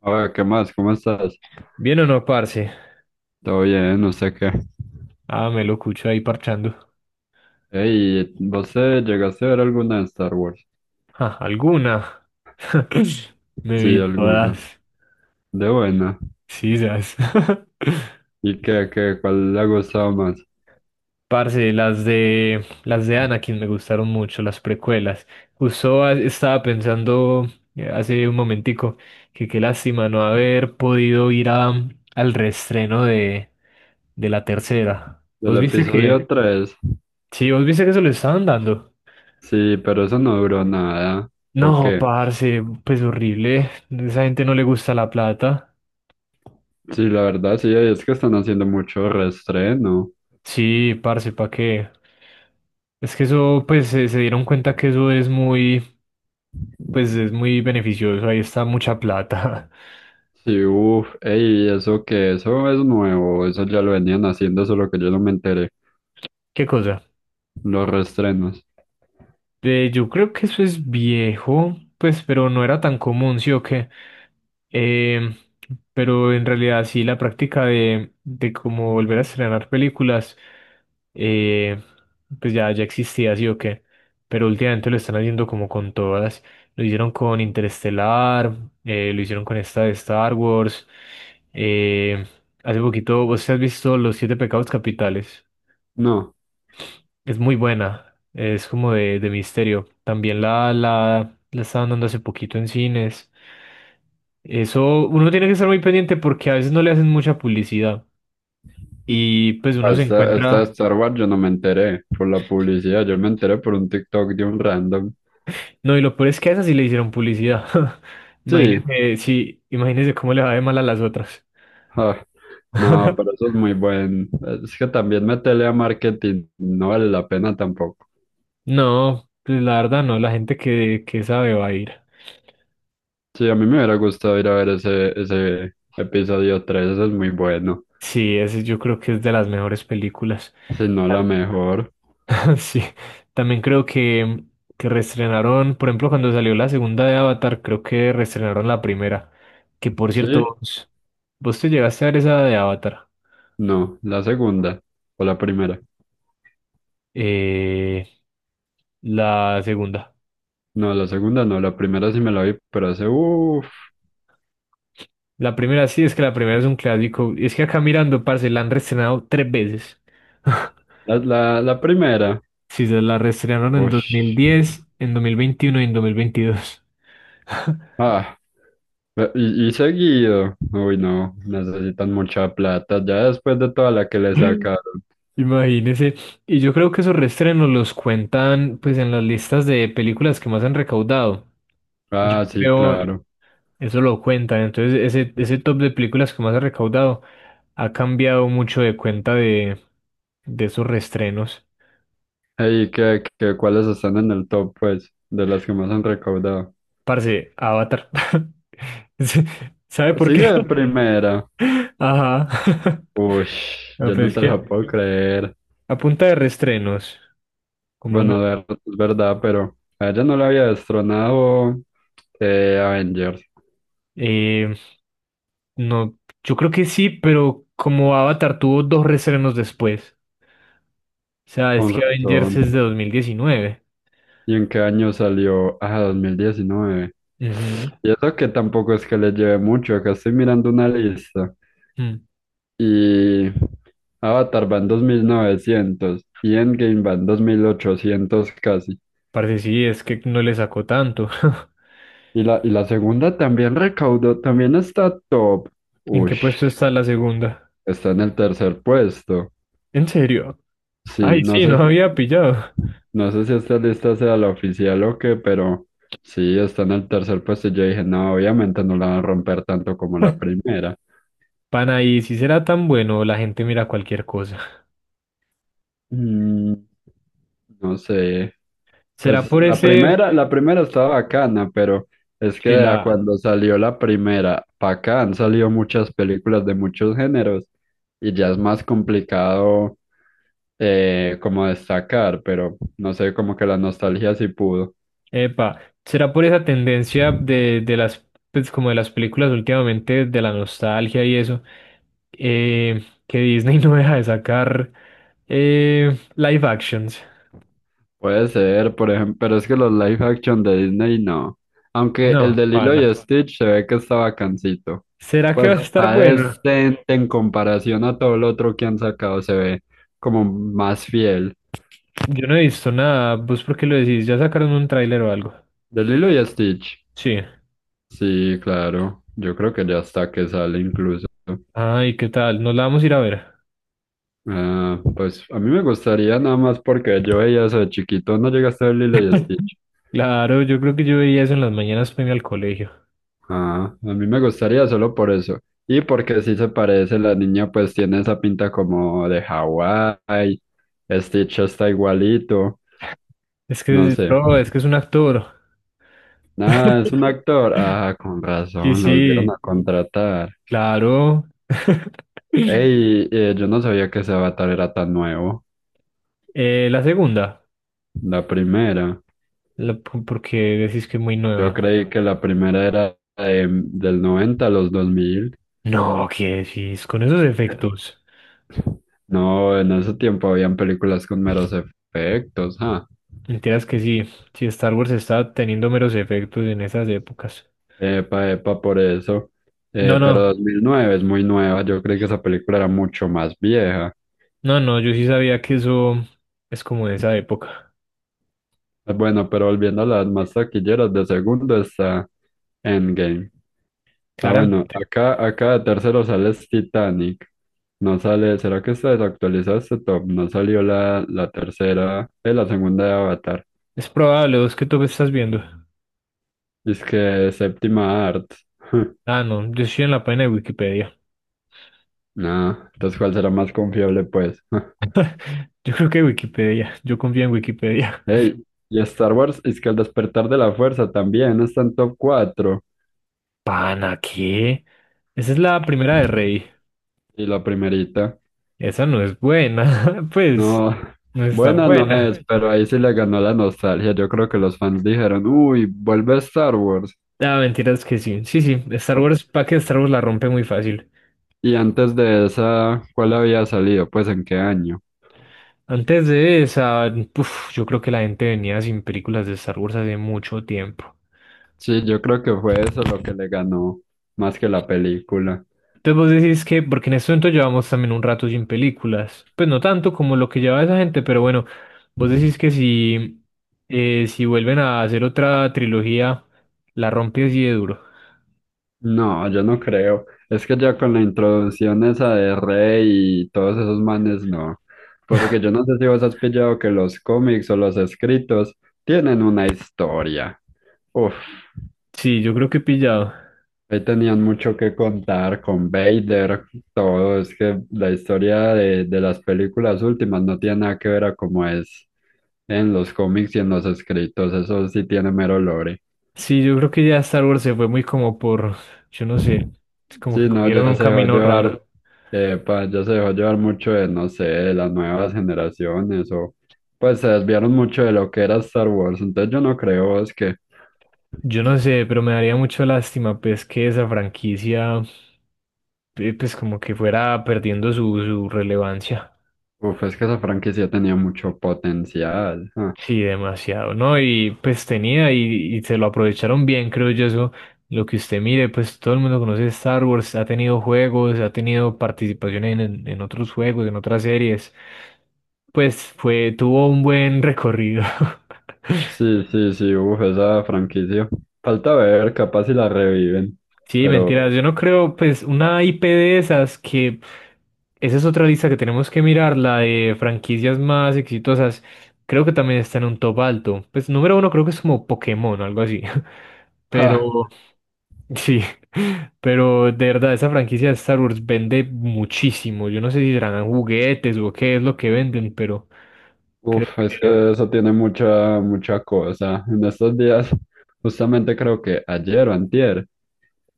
Oye, ¿qué más? ¿Cómo estás? ¿Bien o no, parce? Todo bien, no sé qué. Ah, me lo escucho ahí parchando. Ey, ¿vos llegaste a ver alguna de Star Wars? Ja, ¿alguna? Me Sí, vi alguna. todas. De buena. Sí, esas. ¿Y qué? ¿Cuál le ha gustado más? Parce, las de Anakin me gustaron mucho, las precuelas. Justo estaba pensando hace un momentico que qué lástima no haber podido ir al reestreno de la tercera. Del ¿Vos viste episodio que? 3. Sí, vos viste que se lo estaban dando. Sí, pero eso no duró nada. ¿O No, qué? parce, pues horrible. Esa gente no le gusta la plata. Sí, la verdad, sí, es que están haciendo mucho reestreno. Sí, parce, ¿pa' qué? Es que eso, pues se dieron cuenta que eso es muy, pues es muy beneficioso. Ahí está mucha plata. Sí, uff, ey, eso es nuevo, eso ya lo venían haciendo, solo que yo no me enteré. ¿Qué cosa? Los reestrenos. Yo creo que eso es viejo, pues, pero no era tan común, sí o qué. Eh, pero en realidad sí, la práctica de cómo volver a estrenar películas. eh, pues ya existía, sí o qué, pero últimamente lo están haciendo como con todas. Lo hicieron con Interestelar, lo hicieron con esta de Star Wars. eh, hace poquito, ¿vos has visto Los Siete Pecados Capitales? No. Es muy buena, es como de misterio. También la estaban dando hace poquito en cines. Eso uno tiene que estar muy pendiente porque a veces no le hacen mucha publicidad y pues uno se Hasta encuentra... Star Wars yo no me enteré por la publicidad, yo me enteré por un TikTok de un random. No, y lo peor es que a esas sí le hicieron publicidad. Sí, Imagínese, sí, imagínese cómo le va de mal a las otras. ah, no, pero eso es muy buen. Es que también meterle a marketing no vale la pena tampoco. No, pues la verdad no, la gente que sabe va a ir. Sí, a mí me hubiera gustado ir a ver ese episodio tres, ese es muy bueno. Sí, ese yo creo que es de las mejores películas. Si no, la mejor. Sí, también creo que reestrenaron, por ejemplo, cuando salió la segunda de Avatar, creo que reestrenaron la primera. Que por Sí, cierto, vos te llegaste a ver esa de Avatar, no, la segunda o la primera. eh, la segunda. No, la segunda no, la primera sí me la vi, pero hace, uff, La primera sí, es que la primera es un clásico. Y es que acá mirando, parce, la han reestrenado tres veces. la primera. Sí, se la reestrenaron en Uff. 2010, en 2021 y en 2022. Ah, Y seguido. Uy, no, necesitan mucha plata. Ya después de toda la que le sacaron. Imagínese. Y yo creo que esos reestrenos los cuentan pues en las listas de películas que más han recaudado. Yo Ah, sí, creo, claro. eso lo cuentan. Entonces, ese top de películas que más ha recaudado ha cambiado mucho de cuenta de esos reestrenos. ¿Y cuáles están en el top, pues, de las que más han recaudado? Parce, Avatar. Sí, ¿sabe por Sigue qué? de primera. Ajá. Uy, No, yo no pues es te que la puedo creer. a punta de restrenos, ¿cómo no? Bueno, es verdad, pero a ella no la había destronado Avengers. Eh, no, yo creo que sí, pero como Avatar tuvo dos restrenos después. O sea, es Con que Avengers razón. es de 2019. ¿Y en qué año salió? Ah, 2019. Ujú. Y eso que tampoco es que le lleve mucho, acá estoy mirando una lista. Mm. Y Avatar va en 2900 y Endgame va en 2800 casi. Parce, sí, es que no le sacó tanto. Y la segunda también recaudó, también está top. ¿En qué Uy, puesto está la segunda? está en el tercer puesto. ¿En serio? Sí, Ay, no sí, no sé, si, había pillado. no sé si esta lista sea la oficial o qué, pero sí, está en el tercer puesto. Y yo dije, no, obviamente no la van a romper tanto como la primera. Pana, y si será tan bueno, la gente mira cualquier cosa. Mm, no sé. ¿Será Pues por la ese, primera, la primera estaba bacana, pero es que si la, de cuando salió la primera, para acá han salido muchas películas de muchos géneros y ya es más complicado como destacar, pero no sé, como que la nostalgia sí pudo. epa, será por esa tendencia de las, pues como de las películas últimamente, de la nostalgia y eso, eh, que Disney no deja de sacar live actions? Puede ser, por ejemplo, pero es que los live action de Disney no. Aunque el No, de Lilo pana. y Stitch se ve que está bacancito. ¿Será que Pues va a estar está bueno? decente en comparación a todo lo otro que han sacado, se ve como más fiel. Yo no he visto nada. ¿Vos por qué lo decís? ¿Ya sacaron un tráiler o algo? De Lilo y Stitch. Sí. Sí, claro. Yo creo que ya está que sale incluso. Ay, ¿qué tal? ¿Nos la vamos a ir a ver? Ah, pues a mí me gustaría nada más porque yo veía eso de chiquito. ¿No llegaste a ver Lilo y Stitch? Claro, yo creo que yo veía eso en las mañanas para irme al colegio. Ah, a mí me gustaría solo por eso. Y porque sí se parece, la niña pues tiene esa pinta como de Hawái, Stitch está igualito, Es no que, sé. bro, es que es un actor. Ah, es un actor. Ah, con Sí, razón, lo volvieron a sí, contratar. claro. Ey, yo no sabía que ese Avatar era tan nuevo. La segunda, La primera. Porque decís que es muy Yo nueva. creí que la primera era del 90 a los dos mil. No, ¿qué decís? Con esos efectos. No, en ese tiempo habían películas con meros efectos, ah. Mentiras que sí, si Star Wars está teniendo meros efectos en esas épocas. Epa, epa, por eso. No, Pero no, 2009 es muy nueva. Yo creí que esa película era mucho más vieja. no, no, yo sí sabía que eso es como de esa época. Bueno, pero volviendo a las más taquilleras, de segundo está Endgame. Ah, Clara, bueno, acá de tercero sale es Titanic. No sale, ¿será que está desactualizado este top? No salió la tercera, la segunda de Avatar. es probable, ¿vos qué tú estás viendo? Es que séptima art. Ah, no, yo estoy en la página de Wikipedia. No, entonces ¿cuál será más confiable, pues? Yo creo que Wikipedia. Yo confío en Wikipedia. Hey, y Star Wars es que el despertar de la fuerza también está en top 4. Pana, ¿qué? Esa es la primera de Rey. Y la primerita. Esa no es buena. Pues, No, no es tan buena no buena. es, pues, pero ahí sí le ganó la nostalgia. Yo creo que los fans dijeron, uy, vuelve Star Wars. Ah, mentiras que sí. Sí, sí. Star Wars, para que Star Wars la rompe muy fácil. Y antes de esa, ¿cuál había salido? Pues en qué año. Antes de esa, puf, yo creo que la gente venía sin películas de Star Wars hace mucho tiempo. Sí, yo creo que fue eso lo que le ganó más que la película. Entonces vos decís que, porque en este momento llevamos también un rato sin películas, pues no tanto como lo que lleva esa gente, pero bueno, vos decís que si vuelven a hacer otra trilogía, la rompe así de duro. No, yo no creo. Es que ya con la introducción esa de Rey y todos esos manes, no. Porque yo no sé si vos has pillado que los cómics o los escritos tienen una historia. Uf, Sí, yo creo que he pillado. ahí tenían mucho que contar con Vader, todo. Es que la historia de las películas últimas no tiene nada que ver a cómo es en los cómics y en los escritos. Eso sí tiene mero lore. Sí, yo creo que ya Star Wars se fue muy como por, yo no sé, es como que Sí, no, cogieron ya un se dejó camino llevar, raro. Pues ya se dejó llevar mucho de, no sé, de las nuevas generaciones o pues se desviaron mucho de lo que era Star Wars. Entonces yo no creo, es que, Yo no sé, pero me daría mucho lástima, pues, que esa franquicia, pues, como que fuera perdiendo su relevancia. uf, es que esa franquicia tenía mucho potencial. Ah. Sí, demasiado, ¿no? Y pues tenía y se lo aprovecharon bien, creo yo, eso. Lo que usted mire, pues todo el mundo conoce Star Wars, ha tenido juegos, ha tenido participación en, en otros juegos, en otras series. Pues tuvo un buen recorrido. Sí, sí, sí, uf, esa franquicia. Falta ver, capaz si la reviven, Sí, pero, mentiras, yo no creo, pues una IP de esas que... Esa es otra lista que tenemos que mirar, la de franquicias más exitosas. Creo que también está en un top alto. Pues número uno creo que es como Pokémon o algo así. ja, Pero sí, pero de verdad, esa franquicia de Star Wars vende muchísimo. Yo no sé si serán juguetes o qué es lo que venden, pero creo uf, es que... que eso tiene mucha cosa. En estos días, justamente creo que ayer o antier.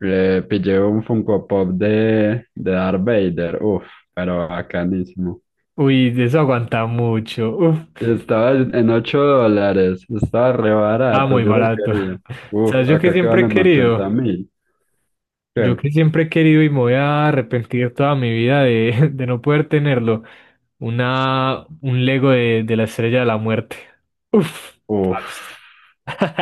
Le pillé un Funko Pop de Darth Vader, uff, pero bacanísimo. Uy, de eso aguanta mucho. Uf, Estaba en $8, estaba re está barato, muy yo lo barato. quería. Uf, ¿Sabes? Yo que acá que siempre he valen querido, 80.000. yo ¿Qué? que siempre he querido y me voy a arrepentir toda mi vida de, de no poder tenerlo, un Lego de la Estrella de la Muerte. Uf, Uf, parce.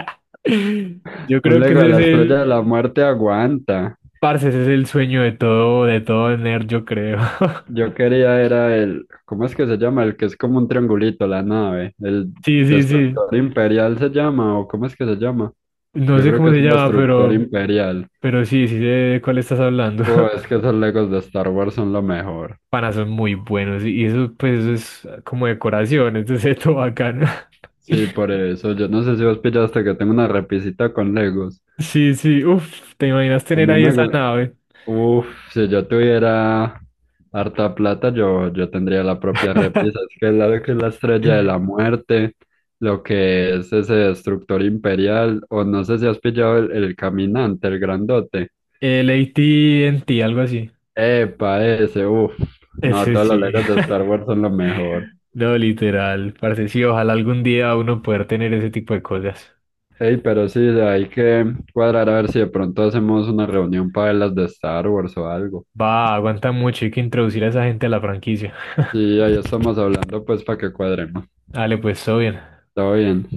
Yo un creo que Lego de ese es la Estrella el, de la Muerte aguanta. parce, ese es el sueño de todo nerd, yo creo. Yo quería era el, ¿cómo es que se llama? El que es como un triangulito, la nave. El Sí, sí, sí. Destructor Imperial se llama, o ¿cómo es que se llama? No Yo sé creo cómo que se es un llama, Destructor pero, Imperial. pero sí, sí sé de cuál estás hablando. Es que esos Legos de Star Wars son lo mejor. Panas son muy buenos y eso, pues, eso es como decoración, entonces es todo bacano. Sí, por eso. Yo no sé si vos pillaste que tengo una repisita con Legos. Sí, sí, uff, ¿te imaginas A tener mí ahí me esa gusta. nave? Uf, si yo tuviera harta plata, yo tendría la propia repisa. Es que la, que es la estrella de la muerte, lo que es ese destructor imperial, o no sé si has pillado el caminante, el grandote. El AT&T, algo así. Epa, ese, uf. No, Ese todos los sí. Legos de Star Wars son lo mejor. No, literal, parce, sí, ojalá algún día uno poder tener ese tipo de cosas. Ey, pero sí, de ahí que cuadrar a ver si de pronto hacemos una reunión para las de Star Wars o algo. Va, aguanta mucho, hay que introducir a esa gente a la franquicia. Sí, ahí estamos hablando pues para que cuadremos. Dale, pues, todo bien. Todo bien.